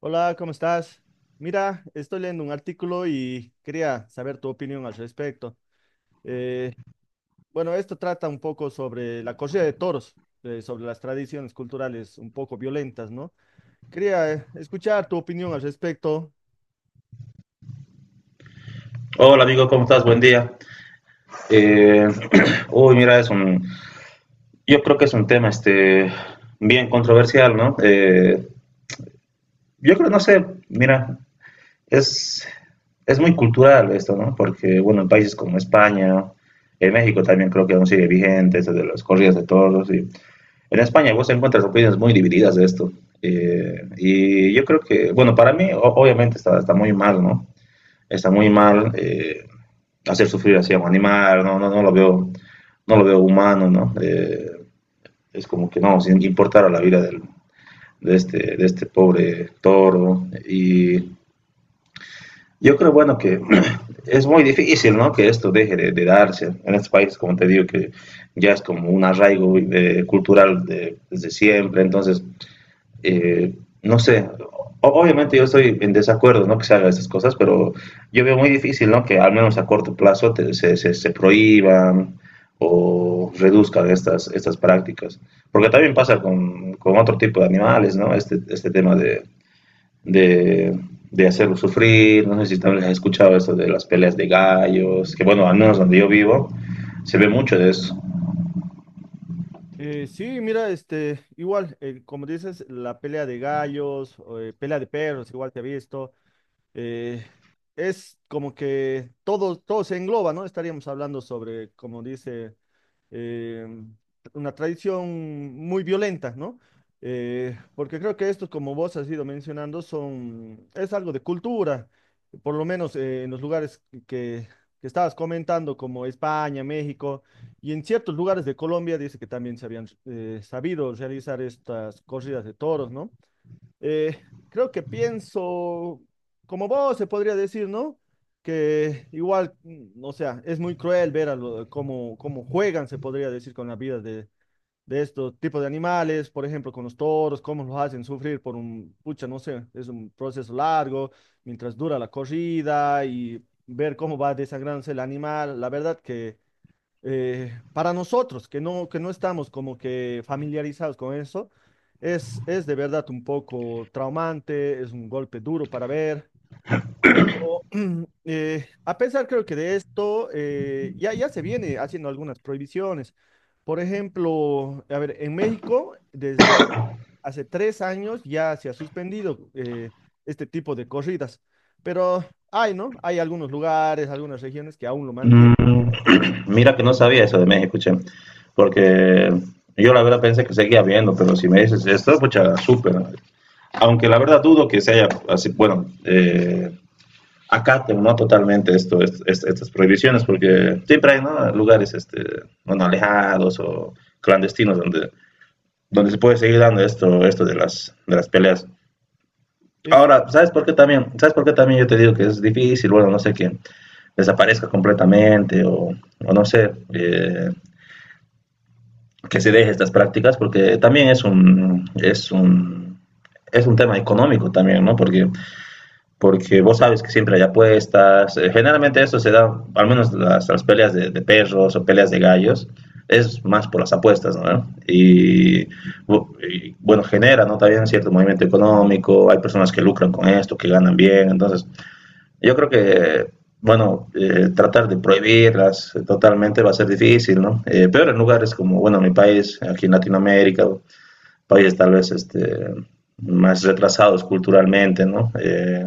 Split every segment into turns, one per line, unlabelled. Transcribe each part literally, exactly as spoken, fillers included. Hola, ¿cómo estás? Mira, estoy leyendo un artículo y quería saber tu opinión al respecto. Eh, bueno, esto trata un poco sobre la corrida de toros, eh, sobre las tradiciones culturales un poco violentas, ¿no? Quería eh, escuchar tu opinión al respecto.
Hola amigo, ¿cómo estás? Buen día. Eh, uy, mira, es un, yo creo que es un tema este, bien controversial, ¿no? Eh, yo creo, no sé, mira, es, es muy cultural esto, ¿no? Porque, bueno, en países como España, en México también creo que aún sigue vigente esto de las corridas de toros. Y en España vos encuentras opiniones muy divididas de esto. Eh, y yo creo que, bueno, para mí o- obviamente está, está muy mal, ¿no? Está muy mal. eh, hacer sufrir así, animar, no, no, no lo veo, no lo veo humano, ¿no? Eh, es como que no, sin importar a la vida del, de, este, de este pobre toro. Y yo creo, bueno, que es muy difícil, ¿no? Que esto deje de, de darse. En este país, como te digo, que ya es como un arraigo de, cultural de, desde siempre, entonces eh, no sé, o- obviamente yo estoy en desacuerdo, ¿no? Que se hagan estas cosas, pero yo veo muy difícil, ¿no? Que al menos a corto plazo te- se, se- se prohíban o reduzcan estas, estas prácticas. Porque también pasa con, con otro tipo de animales, ¿no? Este, este tema de, de, de hacerlos sufrir, no sé si también has escuchado esto de las peleas de gallos, que bueno, al menos donde yo vivo, se ve mucho de eso.
Eh, sí, mira, este, igual, eh, como dices, la pelea de gallos, o, eh, pelea de perros, igual te he visto, eh, es como que todo, todo se engloba, ¿no? Estaríamos hablando sobre, como dice eh, una tradición muy violenta, ¿no? Eh, porque creo que estos, como vos has ido mencionando, son, es algo de cultura, por lo menos eh, en los lugares que, que estabas comentando, como España, México, y en ciertos lugares de Colombia, dice que también se habían eh, sabido realizar estas corridas de toros, ¿no? Eh, Creo que pienso, como vos se podría decir, ¿no? Que igual, mm, o sea, es muy cruel ver a lo- cómo, cómo juegan, se podría decir, con la vida de, de estos tipos de animales, por ejemplo, con los toros, cómo los hacen sufrir por un, pucha, no sé, es un proceso largo, mientras dura la corrida y ver cómo va desangrándose el animal. La verdad que eh, para nosotros que no, que no estamos como que familiarizados con eso, es, es de verdad un poco traumante, es un golpe duro para ver, pero eh, a pesar creo que de esto eh, ya, ya se viene haciendo algunas prohibiciones. Por ejemplo, a ver, en México desde hace tres años ya se ha suspendido, eh, este tipo de corridas, pero hay, ¿no? Hay algunos lugares, algunas regiones que aún lo mantienen.
Mm, mira que no sabía eso de México, che, porque yo la verdad pensé que seguía viendo, pero si me dices esto, pucha, súper. Aunque la verdad dudo que se haya, así, bueno, eh, acaten, ¿no? Totalmente esto, est- est- estas prohibiciones, porque siempre hay, ¿no? Lugares, este, bueno, alejados o clandestinos donde, donde se puede seguir dando esto, esto de las, de las peleas.
Es.
Ahora, ¿sabes por qué también? ¿Sabes por qué también yo te digo que es difícil? Bueno, no sé, que desaparezca completamente o, o no sé, eh, que se deje estas prácticas, porque también es un, es un, es un tema económico también, ¿no? Porque, porque vos sabes que siempre hay apuestas. eh, Generalmente eso se da, al menos las, las peleas de, de perros o peleas de gallos, es más por las apuestas, ¿no? Y, bu- y, bueno, genera, ¿no? También cierto movimiento económico, hay personas que lucran con esto, que ganan bien, entonces yo creo que, bueno, eh, tratar de prohibirlas totalmente va a ser difícil, ¿no? Eh, pero en lugares como, bueno, mi país, aquí en Latinoamérica, países tal vez este, más retrasados culturalmente, ¿no? Eh,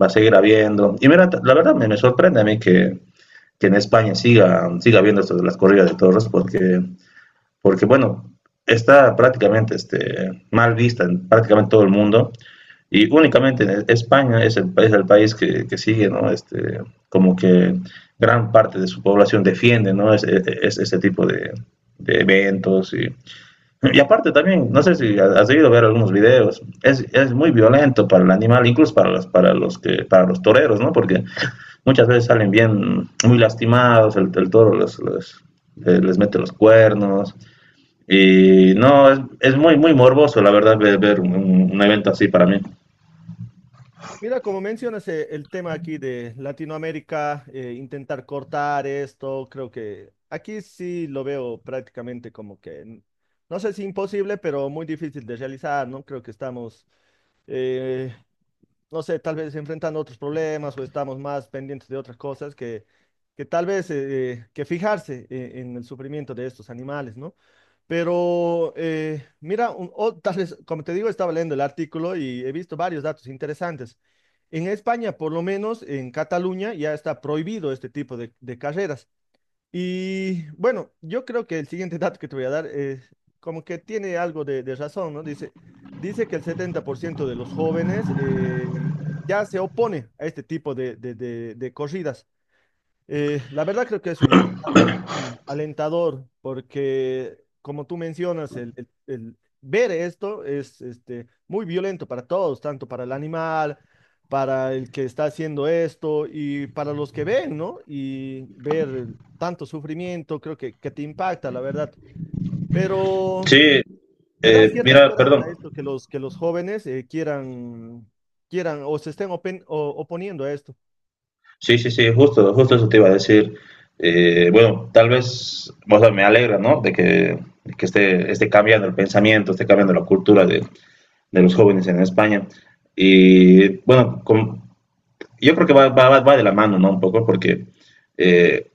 va a seguir habiendo. Y mira, la verdad me, me sorprende a mí que, que, en España siga, siga habiendo esto de las corridas de toros, porque, porque bueno, está prácticamente este, mal vista en prácticamente todo el mundo y únicamente España es el, es el país que, que, sigue, ¿no? Este, como que gran parte de su población defiende, ¿no? Es, e, e, es este tipo de, de eventos. Y, y, aparte también, no sé si has debido ver algunos videos, es, es, muy violento para el animal, incluso para los, para los, que, para los toreros, ¿no? Porque muchas veces salen bien, muy lastimados, el, el toro los, los, les mete los cuernos. Y no, es, es muy, muy morboso, la verdad, ver, ver un, un evento así para mí.
Mira, como mencionas, eh, el tema aquí de Latinoamérica, eh, intentar cortar esto, creo que aquí sí lo veo prácticamente como que, n- no sé si imposible, pero muy difícil de realizar, ¿no? Creo que estamos, eh, no sé, tal vez enfrentando otros problemas o estamos más pendientes de otras cosas que, que tal vez eh, que fijarse eh, en el sufrimiento de estos animales, ¿no? Pero eh, mira, un- o- tal vez, como te digo, estaba leyendo el artículo y he visto varios datos interesantes. En España, por lo menos en Cataluña, ya está prohibido este tipo de, de carreras. Y bueno, yo creo que el siguiente dato que te voy a dar es como que tiene algo de, de razón, ¿no? Dice, dice que el setenta por ciento de los jóvenes eh, ya se opone a este tipo de, de de- de corridas. Eh, la verdad creo que es un dato muy alentador porque, como tú mencionas, el, el- el ver esto es este, muy violento para todos, tanto para el animal, para el que está haciendo esto y para los que ven, ¿no? Y ver tanto sufrimiento creo que, que te impacta, la verdad. Pero
Sí,
te da
eh,
cierta
mira, perdón.
esperanza esto, que los, que los jóvenes eh, quieran, quieran o se estén open- o- oponiendo a esto.
Sí, sí, sí, justo, justo eso te iba a decir. Eh, bueno, tal vez, o sea, me alegra, ¿no? De que, de que esté, esté cambiando el pensamiento, esté cambiando la cultura de, de los jóvenes en España. Y bueno, con- yo creo que va, va, va va de la mano, ¿no? Un poco, porque eh,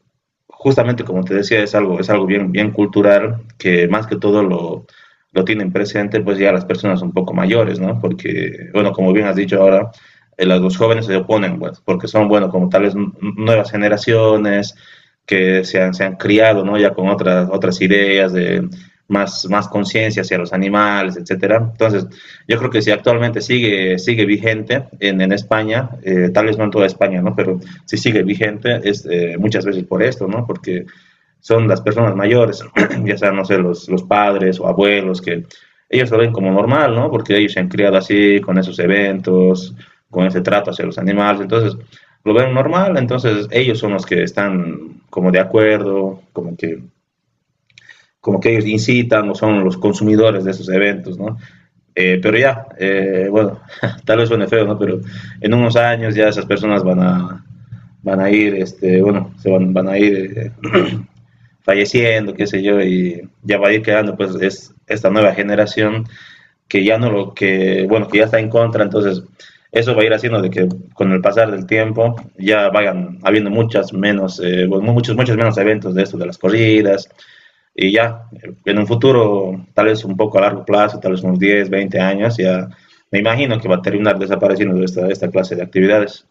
justamente como te decía, es algo, es algo bien, bien cultural que más que todo lo, lo tienen presente pues ya las personas un poco mayores, ¿no? Porque, bueno, como bien has dicho ahora, eh, las- los jóvenes se oponen, pues, porque son, bueno, como tales n- nuevas generaciones que se han, se han criado, ¿no? Ya con otras, otras ideas de más, más conciencia hacia los animales, etcétera. Entonces, yo creo que sí, actualmente sigue, sigue vigente en, en España, eh, tal vez no en toda España, ¿no? Pero sí sigue vigente es, eh, muchas veces por esto, ¿no? Porque son las personas mayores, ya sean, no sé, los, los padres o abuelos, que ellos lo ven como normal, ¿no? Porque ellos se han criado así, con esos eventos, con ese trato hacia los animales, entonces lo ven normal, entonces ellos son los que están como de acuerdo, como que como que ellos incitan o son los consumidores de esos eventos, ¿no? Eh, pero ya, eh, bueno, tal vez suene feo, ¿no? Pero en unos años ya esas personas van a, van a ir, este, bueno, se van, van a ir eh, falleciendo, qué sé yo, y ya va a ir quedando, pues, es esta nueva generación que ya no lo, que, bueno, que ya está en contra, entonces eso va a ir haciendo de que con el pasar del tiempo ya vayan habiendo muchas menos, eh, bueno, muchos, muchos menos eventos de esto, de las corridas, y ya, en un futuro, tal vez un poco a largo plazo, tal vez unos diez o veinte años, ya me imagino que va a terminar desapareciendo esta, esta clase de actividades.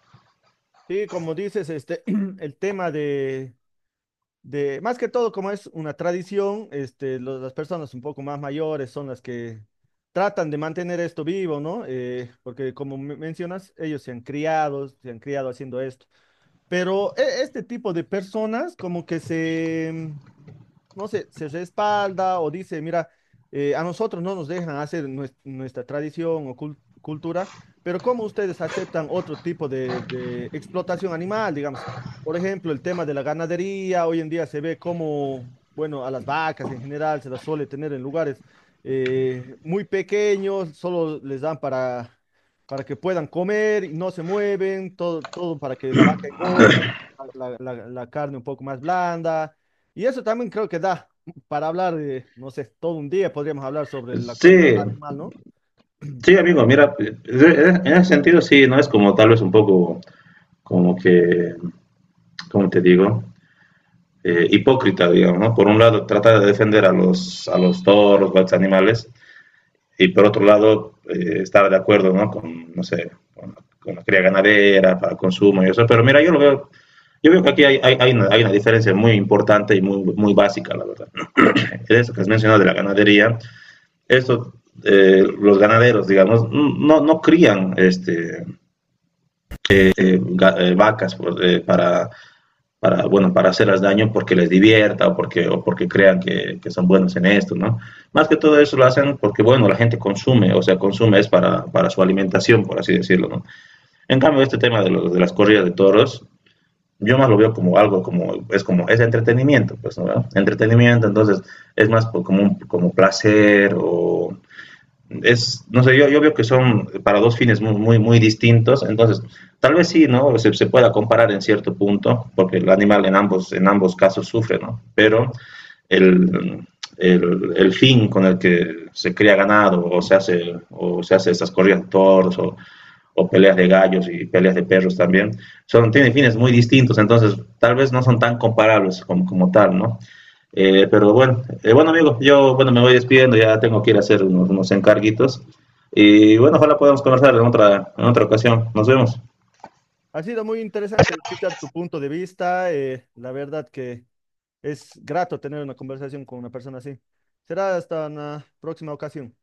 Sí, como dices, este, el tema de de, más que todo, como es una tradición, este, lo- las personas un poco más mayores son las que tratan de mantener esto vivo, ¿no? Eh, porque como me- mencionas, ellos se han criado, se han criado haciendo esto. Pero e- este tipo de personas como que se, no sé, se respalda o dice, mira, eh, a nosotros no nos dejan hacer nues- nuestra tradición o cul- cultura, pero ¿cómo ustedes aceptan otro tipo de, de explotación animal, digamos? Por ejemplo, el tema de la ganadería, hoy en día se ve como, bueno, a las vacas en general se las suele tener en lugares eh, muy pequeños, solo les dan para... para que puedan comer y no se mueven, todo, todo para que la vaca engorde, la la- la- la carne un poco más blanda, y eso también creo que da para hablar, eh, no sé, todo un día podríamos hablar sobre la crueldad
Sí,
animal, ¿no?
sí, amigo, mira, en ese sentido sí, no es como tal vez un poco, como que, ¿cómo te digo? Eh, hipócrita, digamos, ¿no? Por un lado, trata de defender a los, a los toros, a los animales, y por otro lado eh, estar de acuerdo, ¿no? con, no sé, con, con la cría ganadera, para consumo y eso, pero mira, yo lo veo, yo veo que aquí hay, hay, hay, una, hay una diferencia muy importante y muy, muy básica, la verdad. Eso que has mencionado de la ganadería, esto, eh, los ganaderos, digamos, no, no crían este, eh, eh, vacas pues, eh, para para, bueno, para hacerles daño porque les divierta o porque, o porque crean que, que son buenos en esto, ¿no? Más que todo eso lo hacen porque, bueno, la gente consume, o sea, consume es para, para su alimentación, por así decirlo, ¿no? En cambio, este tema de, lo, de las corridas de toros, yo más lo veo como algo, como, es como, es entretenimiento, pues, ¿no? Entretenimiento, entonces, es más como, un, como placer o es, no sé, yo, yo veo que son para dos fines muy, muy, muy distintos, entonces tal vez sí, ¿no? Se, se, pueda comparar en cierto punto, porque el animal en ambos, en ambos casos sufre, ¿no? Pero el, el, el fin con el que se cría ganado o se hace, o se hace estas corridas de toros o o peleas de gallos y peleas de perros también, son, tienen fines muy distintos, entonces tal vez no son tan comparables como, como tal, ¿no? Eh, pero bueno, eh, bueno amigo, yo bueno, me voy despidiendo, ya tengo que ir a hacer unos, unos encarguitos y bueno, ojalá podamos conversar en otra, en otra ocasión. Nos vemos.
Ha sido muy interesante escuchar tu punto de vista. Eh, la verdad que es grato tener una conversación con una persona así. Será hasta una próxima ocasión.